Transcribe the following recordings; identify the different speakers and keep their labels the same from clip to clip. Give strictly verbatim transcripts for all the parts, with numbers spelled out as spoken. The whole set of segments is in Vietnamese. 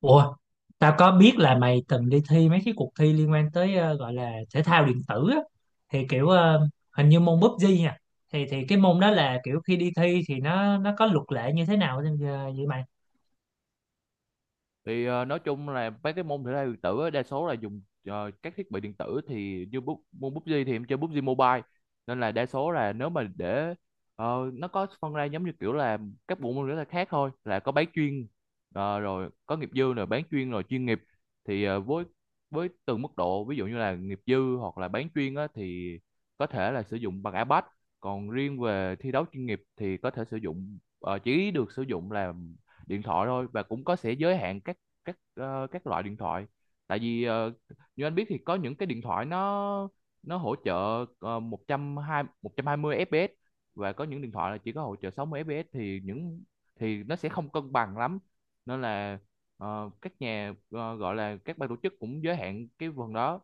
Speaker 1: Ủa, tao có biết là mày từng đi thi mấy cái cuộc thi liên quan tới ờ, gọi là thể thao điện tử á. Thì kiểu ờ, hình như môn pi u bi gi nha. Thì thì cái môn đó là kiểu khi đi thi thì nó nó có luật lệ như thế nào vậy vậy mày?
Speaker 2: Thì ờ, nói chung là mấy cái môn thể thao điện tử á, đa số là dùng ờ, các thiết bị điện tử. Thì như bút môn pi u bi gi thì em chơi pi u bi gi Mobile, nên là đa số là nếu mà để ờ, nó có phân ra giống như kiểu là các bộ môn thể thao khác thôi, là có bán chuyên, ờ, rồi có nghiệp dư, rồi bán chuyên, rồi chuyên nghiệp. Thì ờ, với với từng mức độ, ví dụ như là nghiệp dư hoặc là bán chuyên á, thì có thể là sử dụng bằng iPad. Còn riêng về thi đấu chuyên nghiệp thì có thể sử dụng, ờ, chỉ được sử dụng là điện thoại thôi, và cũng có sẽ giới hạn các các ờ, các loại điện thoại. Tại vì ờ, như anh biết, thì có những cái điện thoại nó nó hỗ trợ ờ, một trăm hai mươi một trăm hai mươi fps, và có những điện thoại là chỉ có hỗ trợ sáu mươi fps, thì những thì nó sẽ không cân bằng lắm. Nên là ờ, các nhà ờ, gọi là các ban tổ chức cũng giới hạn cái phần đó.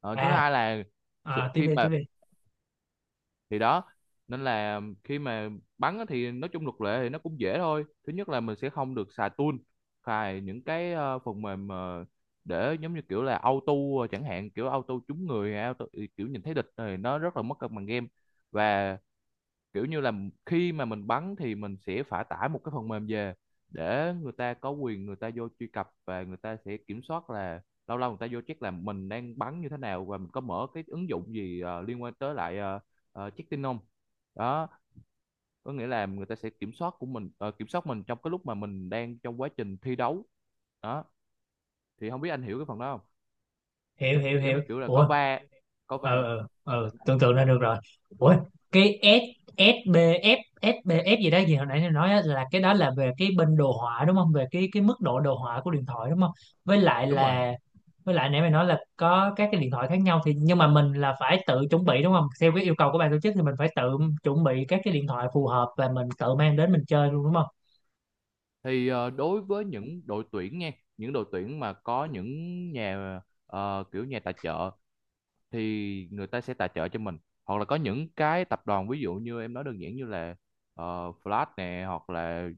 Speaker 2: Ờ, Thứ
Speaker 1: À,
Speaker 2: hai là, sự-
Speaker 1: à, tiếp
Speaker 2: khi
Speaker 1: đi
Speaker 2: mà,
Speaker 1: tiếp đi.
Speaker 2: thì đó nên là khi mà bắn á, thì nói chung luật lệ thì nó cũng dễ thôi. Thứ nhất là mình sẽ không được xài tool, xài những cái ờ, phần mềm, ờ, để giống như kiểu là auto, ờ, chẳng hạn kiểu auto trúng người, auto kiểu nhìn thấy địch, thì nó rất là mất cân bằng game. Và kiểu như là khi mà mình bắn thì mình sẽ phải tải một cái phần mềm về, để người ta có quyền, người ta vô truy cập, và người ta sẽ kiểm soát là lâu lâu người ta vô check là mình đang bắn như thế nào, và mình có mở cái ứng dụng gì ờ, liên quan tới lại, ờ, ờ, check tin không. Đó, có nghĩa là người ta sẽ kiểm soát của mình, ờ, kiểm soát mình trong cái lúc mà mình đang trong quá trình thi đấu. Đó, thì không biết anh hiểu cái phần đó không,
Speaker 1: Hiểu hiểu
Speaker 2: giống như
Speaker 1: hiểu.
Speaker 2: kiểu là có
Speaker 1: Ủa,
Speaker 2: va có
Speaker 1: ừ
Speaker 2: va
Speaker 1: ừ ừ, tưởng tượng ra được rồi. Ủa, cái S ét bê ép ét bê ép gì đó, gì hồi nãy tôi nói á, là cái đó là về cái bên đồ họa đúng không, về cái cái mức độ đồ họa của điện thoại đúng không, với lại
Speaker 2: Đúng rồi.
Speaker 1: là với lại nãy mày nói là có các cái điện thoại khác nhau thì, nhưng mà mình là phải tự chuẩn bị đúng không, theo cái yêu cầu của ban tổ chức thì mình phải tự chuẩn bị các cái điện thoại phù hợp và mình tự mang đến mình chơi luôn đúng không?
Speaker 2: Thì ờ, đối với những đội tuyển nha, những đội tuyển mà có những nhà ờ, kiểu nhà tài trợ, thì người ta sẽ tài trợ cho mình, hoặc là có những cái tập đoàn, ví dụ như em nói đơn giản như là ờ, Flash nè, hoặc là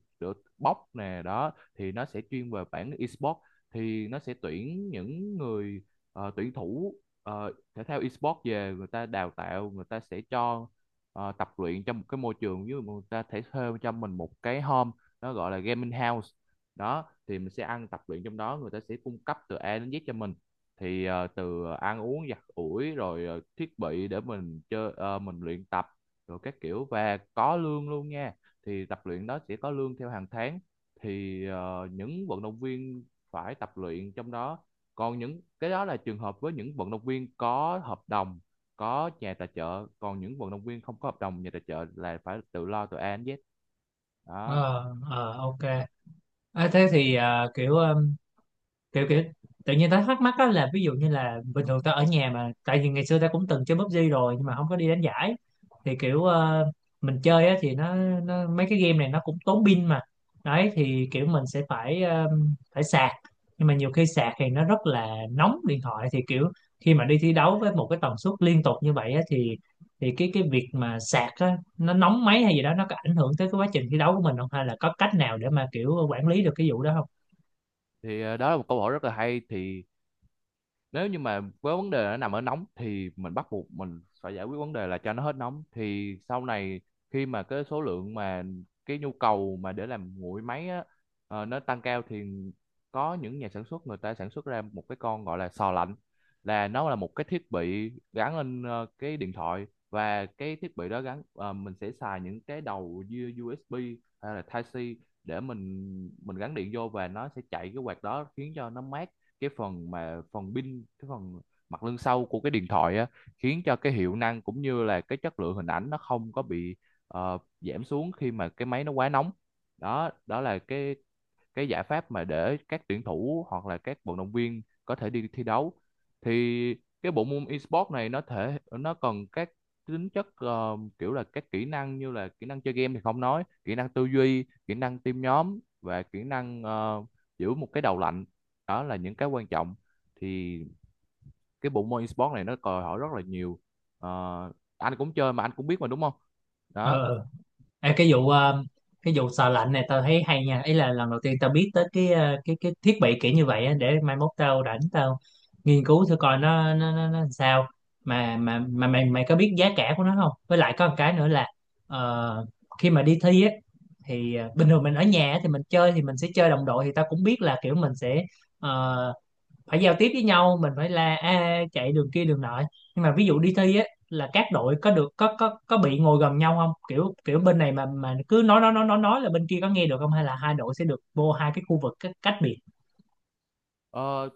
Speaker 2: Box nè. Đó thì nó sẽ chuyên về bản esports, thì nó sẽ tuyển những người, ờ, tuyển thủ ờ, thể thao esports về, người ta đào tạo, người ta sẽ cho ờ, tập luyện trong một cái môi trường, như người ta thể thuê cho mình một cái home, nó gọi là gaming house. Đó thì mình sẽ ăn tập luyện trong đó, người ta sẽ cung cấp từ A đến Z cho mình. Thì ờ, từ ăn uống, giặt ủi, rồi ờ, thiết bị để mình chơi, ờ, mình luyện tập, rồi các kiểu, và có lương luôn nha. Thì tập luyện đó sẽ có lương theo hàng tháng. Thì ờ, những vận động viên phải tập luyện trong đó. Còn những cái đó là trường hợp với những vận động viên có hợp đồng, có nhà tài trợ. Còn những vận động viên không có hợp đồng nhà tài trợ là phải tự lo từ A đến Z.
Speaker 1: Ờ,
Speaker 2: Đó.
Speaker 1: ờ, ok. À, thế thì à, kiểu ờ, kiểu kiểu tự nhiên tao thắc mắc á là ví dụ như là bình thường tao ở nhà, mà tại vì ngày xưa tao cũng từng chơi pi u bi gi rồi nhưng mà không có đi đánh giải. Thì kiểu ờ, mình chơi á thì nó, nó mấy cái game này nó cũng tốn pin mà, đấy thì kiểu mình sẽ phải ờ, phải sạc, nhưng mà nhiều khi sạc thì nó rất là nóng điện thoại, thì kiểu khi mà đi thi đấu với một cái tần suất liên tục như vậy á, thì thì cái cái việc mà sạc á nó nóng máy hay gì đó, nó có ảnh hưởng tới cái quá trình thi đấu của mình không, hay là có cách nào để mà kiểu quản lý được cái vụ đó không?
Speaker 2: Thì ờ, đó là một câu hỏi rất là hay. Thì nếu như mà với vấn đề nó nằm ở nóng, thì mình bắt buộc mình phải giải quyết vấn đề là cho nó hết nóng. Thì sau này khi mà cái số lượng mà, cái nhu cầu mà để làm nguội máy á, ờ, nó tăng cao, thì có những nhà sản xuất người ta sản xuất ra một cái con gọi là sò lạnh. Là nó là một cái thiết bị gắn lên ờ, cái điện thoại, và cái thiết bị đó gắn, ờ, mình sẽ xài những cái đầu U- USB hay là Type-C để mình mình gắn điện vô, và nó sẽ chạy cái quạt đó khiến cho nó mát cái phần mà, phần pin, cái phần mặt lưng sau của cái điện thoại á, khiến cho cái hiệu năng cũng như là cái chất lượng hình ảnh nó không có bị ờ, giảm xuống khi mà cái máy nó quá nóng. Đó, đó là cái cái giải pháp mà để các tuyển thủ hoặc là các vận động viên có thể đi thi đấu. Thì cái bộ môn esports này nó thể nó cần các tính chất, ờ, kiểu là các kỹ năng, như là kỹ năng chơi game thì không nói, kỹ năng tư duy, kỹ năng team nhóm, và kỹ năng ờ, giữ một cái đầu lạnh. Đó là những cái quan trọng. Thì cái bộ môn esports này nó đòi hỏi rất là nhiều. Ờ, anh cũng chơi mà anh cũng biết mà, đúng không. Đó.
Speaker 1: Ờ. Ê, cái vụ ờ, cái vụ sờ lạnh này tao thấy hay nha, ý là lần đầu tiên tao biết tới cái ờ, cái cái thiết bị kiểu như vậy á, để mai mốt tao rảnh tao nghiên cứu thử coi nó nó nó, nó làm sao, mà mà mà mày mày có biết giá cả của nó không, với lại có một cái nữa là ờ, khi mà đi thi á thì ờ, bình thường mình ở nhà á thì mình chơi thì mình sẽ chơi đồng đội, thì tao cũng biết là kiểu mình sẽ ờ, phải giao tiếp với nhau, mình phải là a chạy đường kia đường nọ. Nhưng mà ví dụ đi thi á là các đội có được, có có có bị ngồi gần nhau không, kiểu kiểu bên này mà mà cứ nói nói nói nói nói là bên kia có nghe được không, hay là hai đội sẽ được vô hai cái khu vực cách, cách biệt?
Speaker 2: Ờ,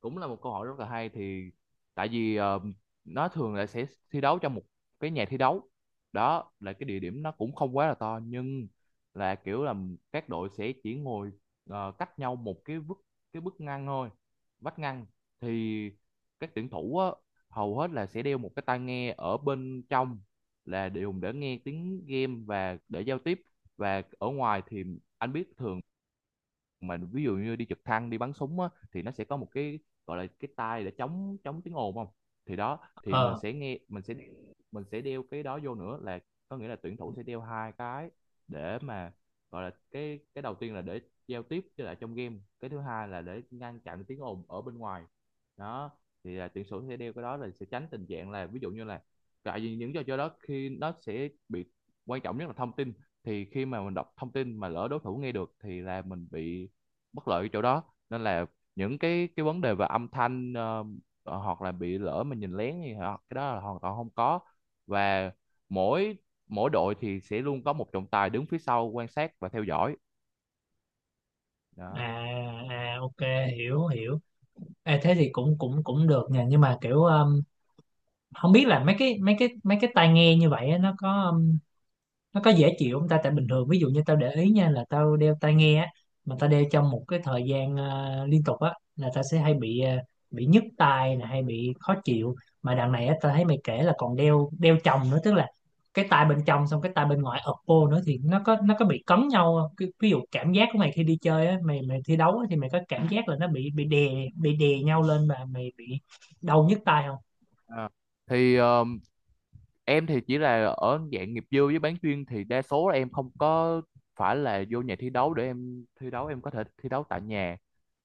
Speaker 2: cũng là một câu hỏi rất là hay. Thì tại vì ờ, nó thường là sẽ thi đấu trong một cái nhà thi đấu, đó là cái địa điểm nó cũng không quá là to, nhưng là kiểu là các đội sẽ chỉ ngồi ờ, cách nhau một cái bức, cái bức ngăn thôi vách ngăn. Thì các tuyển thủ á, hầu hết là sẽ đeo một cái tai nghe ở bên trong, là dùng để nghe tiếng game và để giao tiếp. Và ở ngoài thì anh biết, thường mà ví dụ như đi trực thăng, đi bắn súng á, thì nó sẽ có một cái gọi là cái tai để chống chống tiếng ồn không. Thì đó, thì mình
Speaker 1: Ờ.
Speaker 2: sẽ nghe mình sẽ mình sẽ đeo cái đó vô nữa. Là có nghĩa là tuyển thủ sẽ đeo hai cái, để mà gọi là, cái cái đầu tiên là để giao tiếp với lại trong game, cái thứ hai là để ngăn chặn tiếng ồn ở bên ngoài. Đó, thì là tuyển thủ sẽ đeo cái đó là sẽ tránh tình trạng là, ví dụ như là, tại vì những trò chơi đó khi nó sẽ bị, quan trọng nhất là thông tin. Thì khi mà mình đọc thông tin mà lỡ đối thủ nghe được, thì là mình bị bất lợi ở chỗ đó. Nên là những cái cái vấn đề về âm thanh, ờ, ờ, hoặc là bị lỡ mình nhìn lén gì, hoặc cái đó là hoàn toàn không có. Và mỗi mỗi đội thì sẽ luôn có một trọng tài đứng phía sau quan sát và theo dõi.
Speaker 1: À,
Speaker 2: Đó.
Speaker 1: à, ok. Hiểu hiểu. À, thế thì cũng cũng cũng được nha, nhưng mà kiểu um, không biết là mấy cái mấy cái mấy cái tai nghe như vậy á, nó có um, nó có dễ chịu không ta, tại bình thường ví dụ như tao để ý nha là tao đeo tai nghe á, mà tao đeo trong một cái thời gian ờ, liên tục á là tao sẽ hay bị ờ, bị nhức tai nè, hay bị khó chịu, mà đằng này á tao thấy mày kể là còn đeo đeo chồng nữa, tức là cái tai bên trong xong cái tai bên ngoài ập vô nữa, thì nó có, nó có bị cấn nhau không? Cái- ví dụ cảm giác của mày khi đi chơi á, mày mày thi đấu á, thì mày có cảm giác là nó bị bị đè bị đè nhau lên và mày bị đau nhức tai không?
Speaker 2: À, thì ờ, em thì chỉ là ở dạng nghiệp dư với bán chuyên, thì đa số là em không có phải là vô nhà thi đấu để em thi đấu, em có thể thi đấu tại nhà.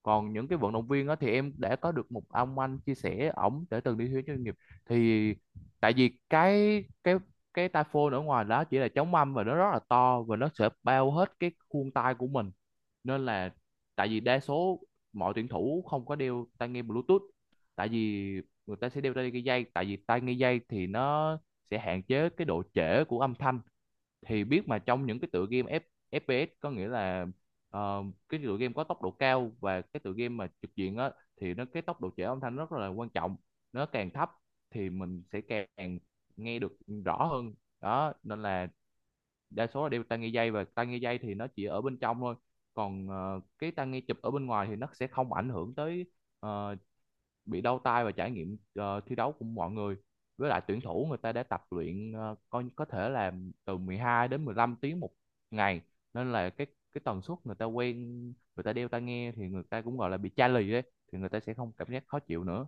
Speaker 2: Còn những cái vận động viên đó thì em đã có được một ông anh chia sẻ, ổng để từng đi thi đấu chuyên nghiệp. Thì tại vì cái cái cái tai ở ngoài đó chỉ là chống âm, và nó rất là to, và nó sẽ bao hết cái khuôn tay của mình. Nên là, tại vì đa số mọi tuyển thủ không có đeo tai nghe Bluetooth. Tại vì người ta sẽ đeo tai nghe dây, tại vì tai nghe dây thì nó sẽ hạn chế cái độ trễ của âm thanh. Thì biết mà trong những cái tựa game F, ép pi ét, có nghĩa là ờ, cái tựa game có tốc độ cao, và cái tựa game mà trực diện á, thì nó cái tốc độ trễ âm thanh rất là quan trọng. Nó càng thấp thì mình sẽ càng nghe được rõ hơn. Đó nên là đa số là đeo tai nghe dây, và tai nghe dây thì nó chỉ ở bên trong thôi. Còn ờ, cái tai nghe chụp ở bên ngoài thì nó sẽ không ảnh hưởng tới ờ, bị đau tay và trải nghiệm ờ, thi đấu của mọi người. Với lại tuyển thủ người ta đã tập luyện, ờ, coi có thể là từ mười hai đến mười lăm tiếng một ngày. Nên là cái cái tần suất người ta quen. Người ta đeo tai nghe thì người ta cũng gọi là bị chai lì đấy, thì người ta sẽ không cảm giác khó chịu nữa.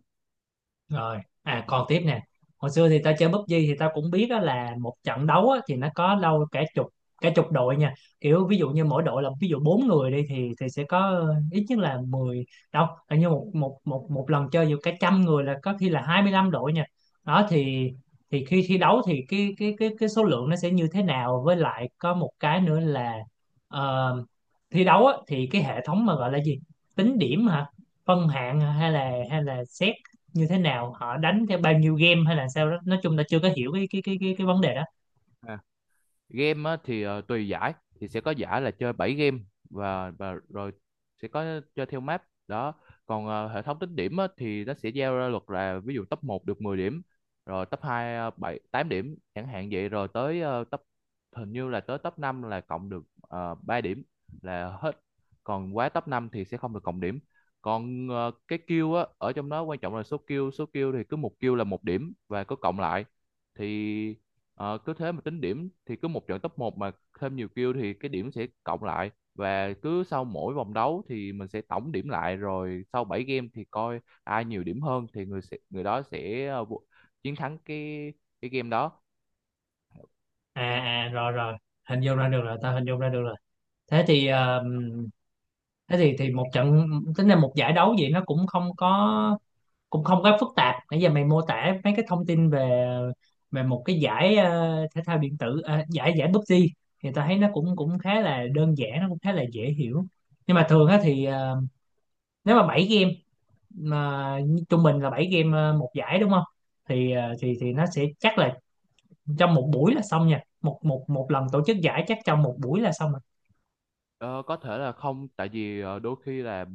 Speaker 1: Rồi. À, còn tiếp nè, hồi xưa thì ta chơi pi u bi gi thì ta cũng biết đó là một trận đấu á, thì nó có đâu cả chục, cả chục đội nha, kiểu ví dụ như mỗi đội là ví dụ bốn người đi thì thì sẽ có ít nhất là mười, đâu là như một một một một lần chơi dù cả trăm người là có khi là hai mươi lăm đội nha. Đó thì thì khi thi đấu thì cái cái cái cái số lượng nó sẽ như thế nào, với lại có một cái nữa là ờ, thi đấu á, thì cái hệ thống mà gọi là gì, tính điểm hả, phân hạng hả, hay là hay là xét như thế nào, họ đánh theo bao nhiêu game hay là sao đó, nói chung ta chưa có hiểu cái cái cái cái cái vấn đề đó.
Speaker 2: À, game á, thì ờ, tùy giải. Thì sẽ có giải là chơi bảy game, và và rồi sẽ có chơi theo map đó. Còn ờ, hệ thống tính điểm á, thì nó sẽ giao ra luật là ví dụ top một được mười điểm, rồi top hai ờ, bảy tám điểm chẳng hạn vậy. Rồi tới ờ, top hình như là tới top năm là cộng được uh, ba điểm là hết. Còn quá top năm thì sẽ không được cộng điểm. Còn ờ, cái kill á ở trong đó, quan trọng là số kill. Số kill thì cứ một kill là một điểm và cứ cộng lại. Thì Ờ, cứ thế mà tính điểm. Thì cứ một trận top một mà thêm nhiều kill thì cái điểm sẽ cộng lại, và cứ sau mỗi vòng đấu thì mình sẽ tổng điểm lại, rồi sau bảy game thì coi ai nhiều điểm hơn, thì người sẽ, người đó sẽ ờ, vô- chiến thắng cái cái game đó.
Speaker 1: À, à, rồi rồi, hình dung ra được rồi, ta hình dung ra được rồi. Thế thì ờ, thế thì thì một trận tính là một giải đấu vậy, nó cũng không có cũng không có phức tạp. Nãy giờ mày mô tả mấy cái thông tin về về một cái giải ờ, thể thao điện tử ờ, giải giải pi u bi gi thì ta thấy nó cũng cũng khá là đơn giản, nó cũng khá là dễ hiểu. Nhưng mà thường á thì ờ, nếu mà bảy game, mà trung bình là bảy game ờ, một giải đúng không, thì ờ, thì thì nó sẽ chắc là trong một buổi là xong nha, một một một lần tổ chức giải chắc trong một buổi là xong rồi.
Speaker 2: Ờ, có thể là không. Tại vì ờ, đôi khi là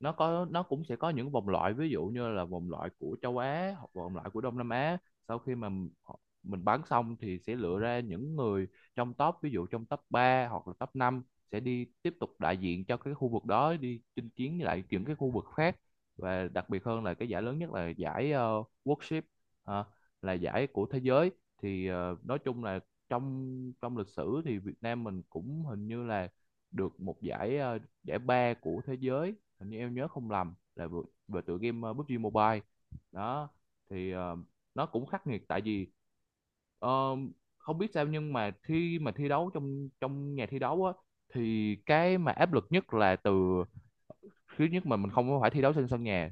Speaker 2: nó có nó cũng sẽ có những vòng loại, ví dụ như là vòng loại của châu Á hoặc vòng loại của Đông Nam Á. Sau khi mà m- họ- mình bán xong thì sẽ lựa ra những người trong top, ví dụ trong top ba hoặc là top năm, sẽ đi tiếp tục đại diện cho cái khu vực đó đi chinh chiến với lại những cái khu vực khác. Và đặc biệt hơn là cái giải lớn nhất là giải ờ, World Ship, ờ, là giải của thế giới. Thì ờ, nói chung là, trong trong lịch sử thì Việt Nam mình cũng hình như là được một giải, ờ, giải ba của thế giới, hình như em nhớ không lầm, là về, về tựa game, ờ, pi u bi gi Mobile. Đó. Thì ờ, nó cũng khắc nghiệt. Tại vì ờ, không biết sao, nhưng mà khi mà thi đấu trong trong nhà thi đấu á, thì cái mà áp lực nhất là từ, thứ nhất mà mình không phải thi đấu trên sân nhà,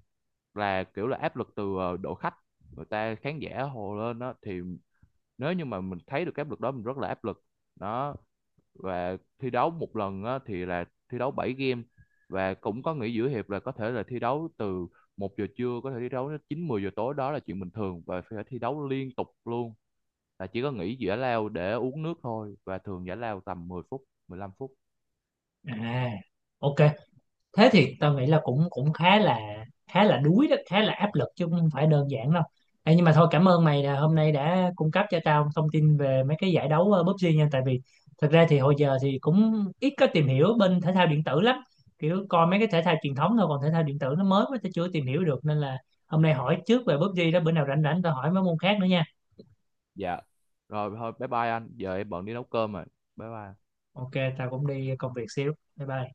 Speaker 2: là kiểu là áp lực từ ờ, đội khách. Người ta khán giả hồ lên đó, thì nếu như mà mình thấy được cái áp lực đó mình rất là áp lực. Đó. Và thi đấu một lần á, thì là thi đấu bảy game, và cũng có nghỉ giữa hiệp. Là có thể là thi đấu từ một giờ trưa, có thể thi đấu đến chín mười giờ tối, đó là chuyện bình thường, và phải thi đấu liên tục luôn. Là chỉ có nghỉ giải lao để uống nước thôi, và thường giải lao tầm mười phút, mười lăm phút.
Speaker 1: À, ok, thế thì tao nghĩ là cũng cũng khá là khá là đuối đó, khá là áp lực chứ không phải đơn giản đâu. Ê, nhưng mà thôi, cảm ơn mày là hôm nay đã cung cấp cho tao thông tin về mấy cái giải đấu ờ, pi u bi gi nha, tại vì thật ra thì hồi giờ thì cũng ít có tìm hiểu bên thể thao điện tử lắm, kiểu coi mấy cái thể thao truyền thống thôi, còn thể thao điện tử nó mới quá tao chưa tìm hiểu được, nên là hôm nay hỏi trước về pi u bi gi đó, bữa nào rảnh rảnh tao hỏi mấy môn khác nữa nha.
Speaker 2: Dạ, rồi thôi. Bye bye anh, giờ em bận đi nấu cơm rồi. Bye bye.
Speaker 1: Ok, tao cũng đi công việc xíu, bye bye.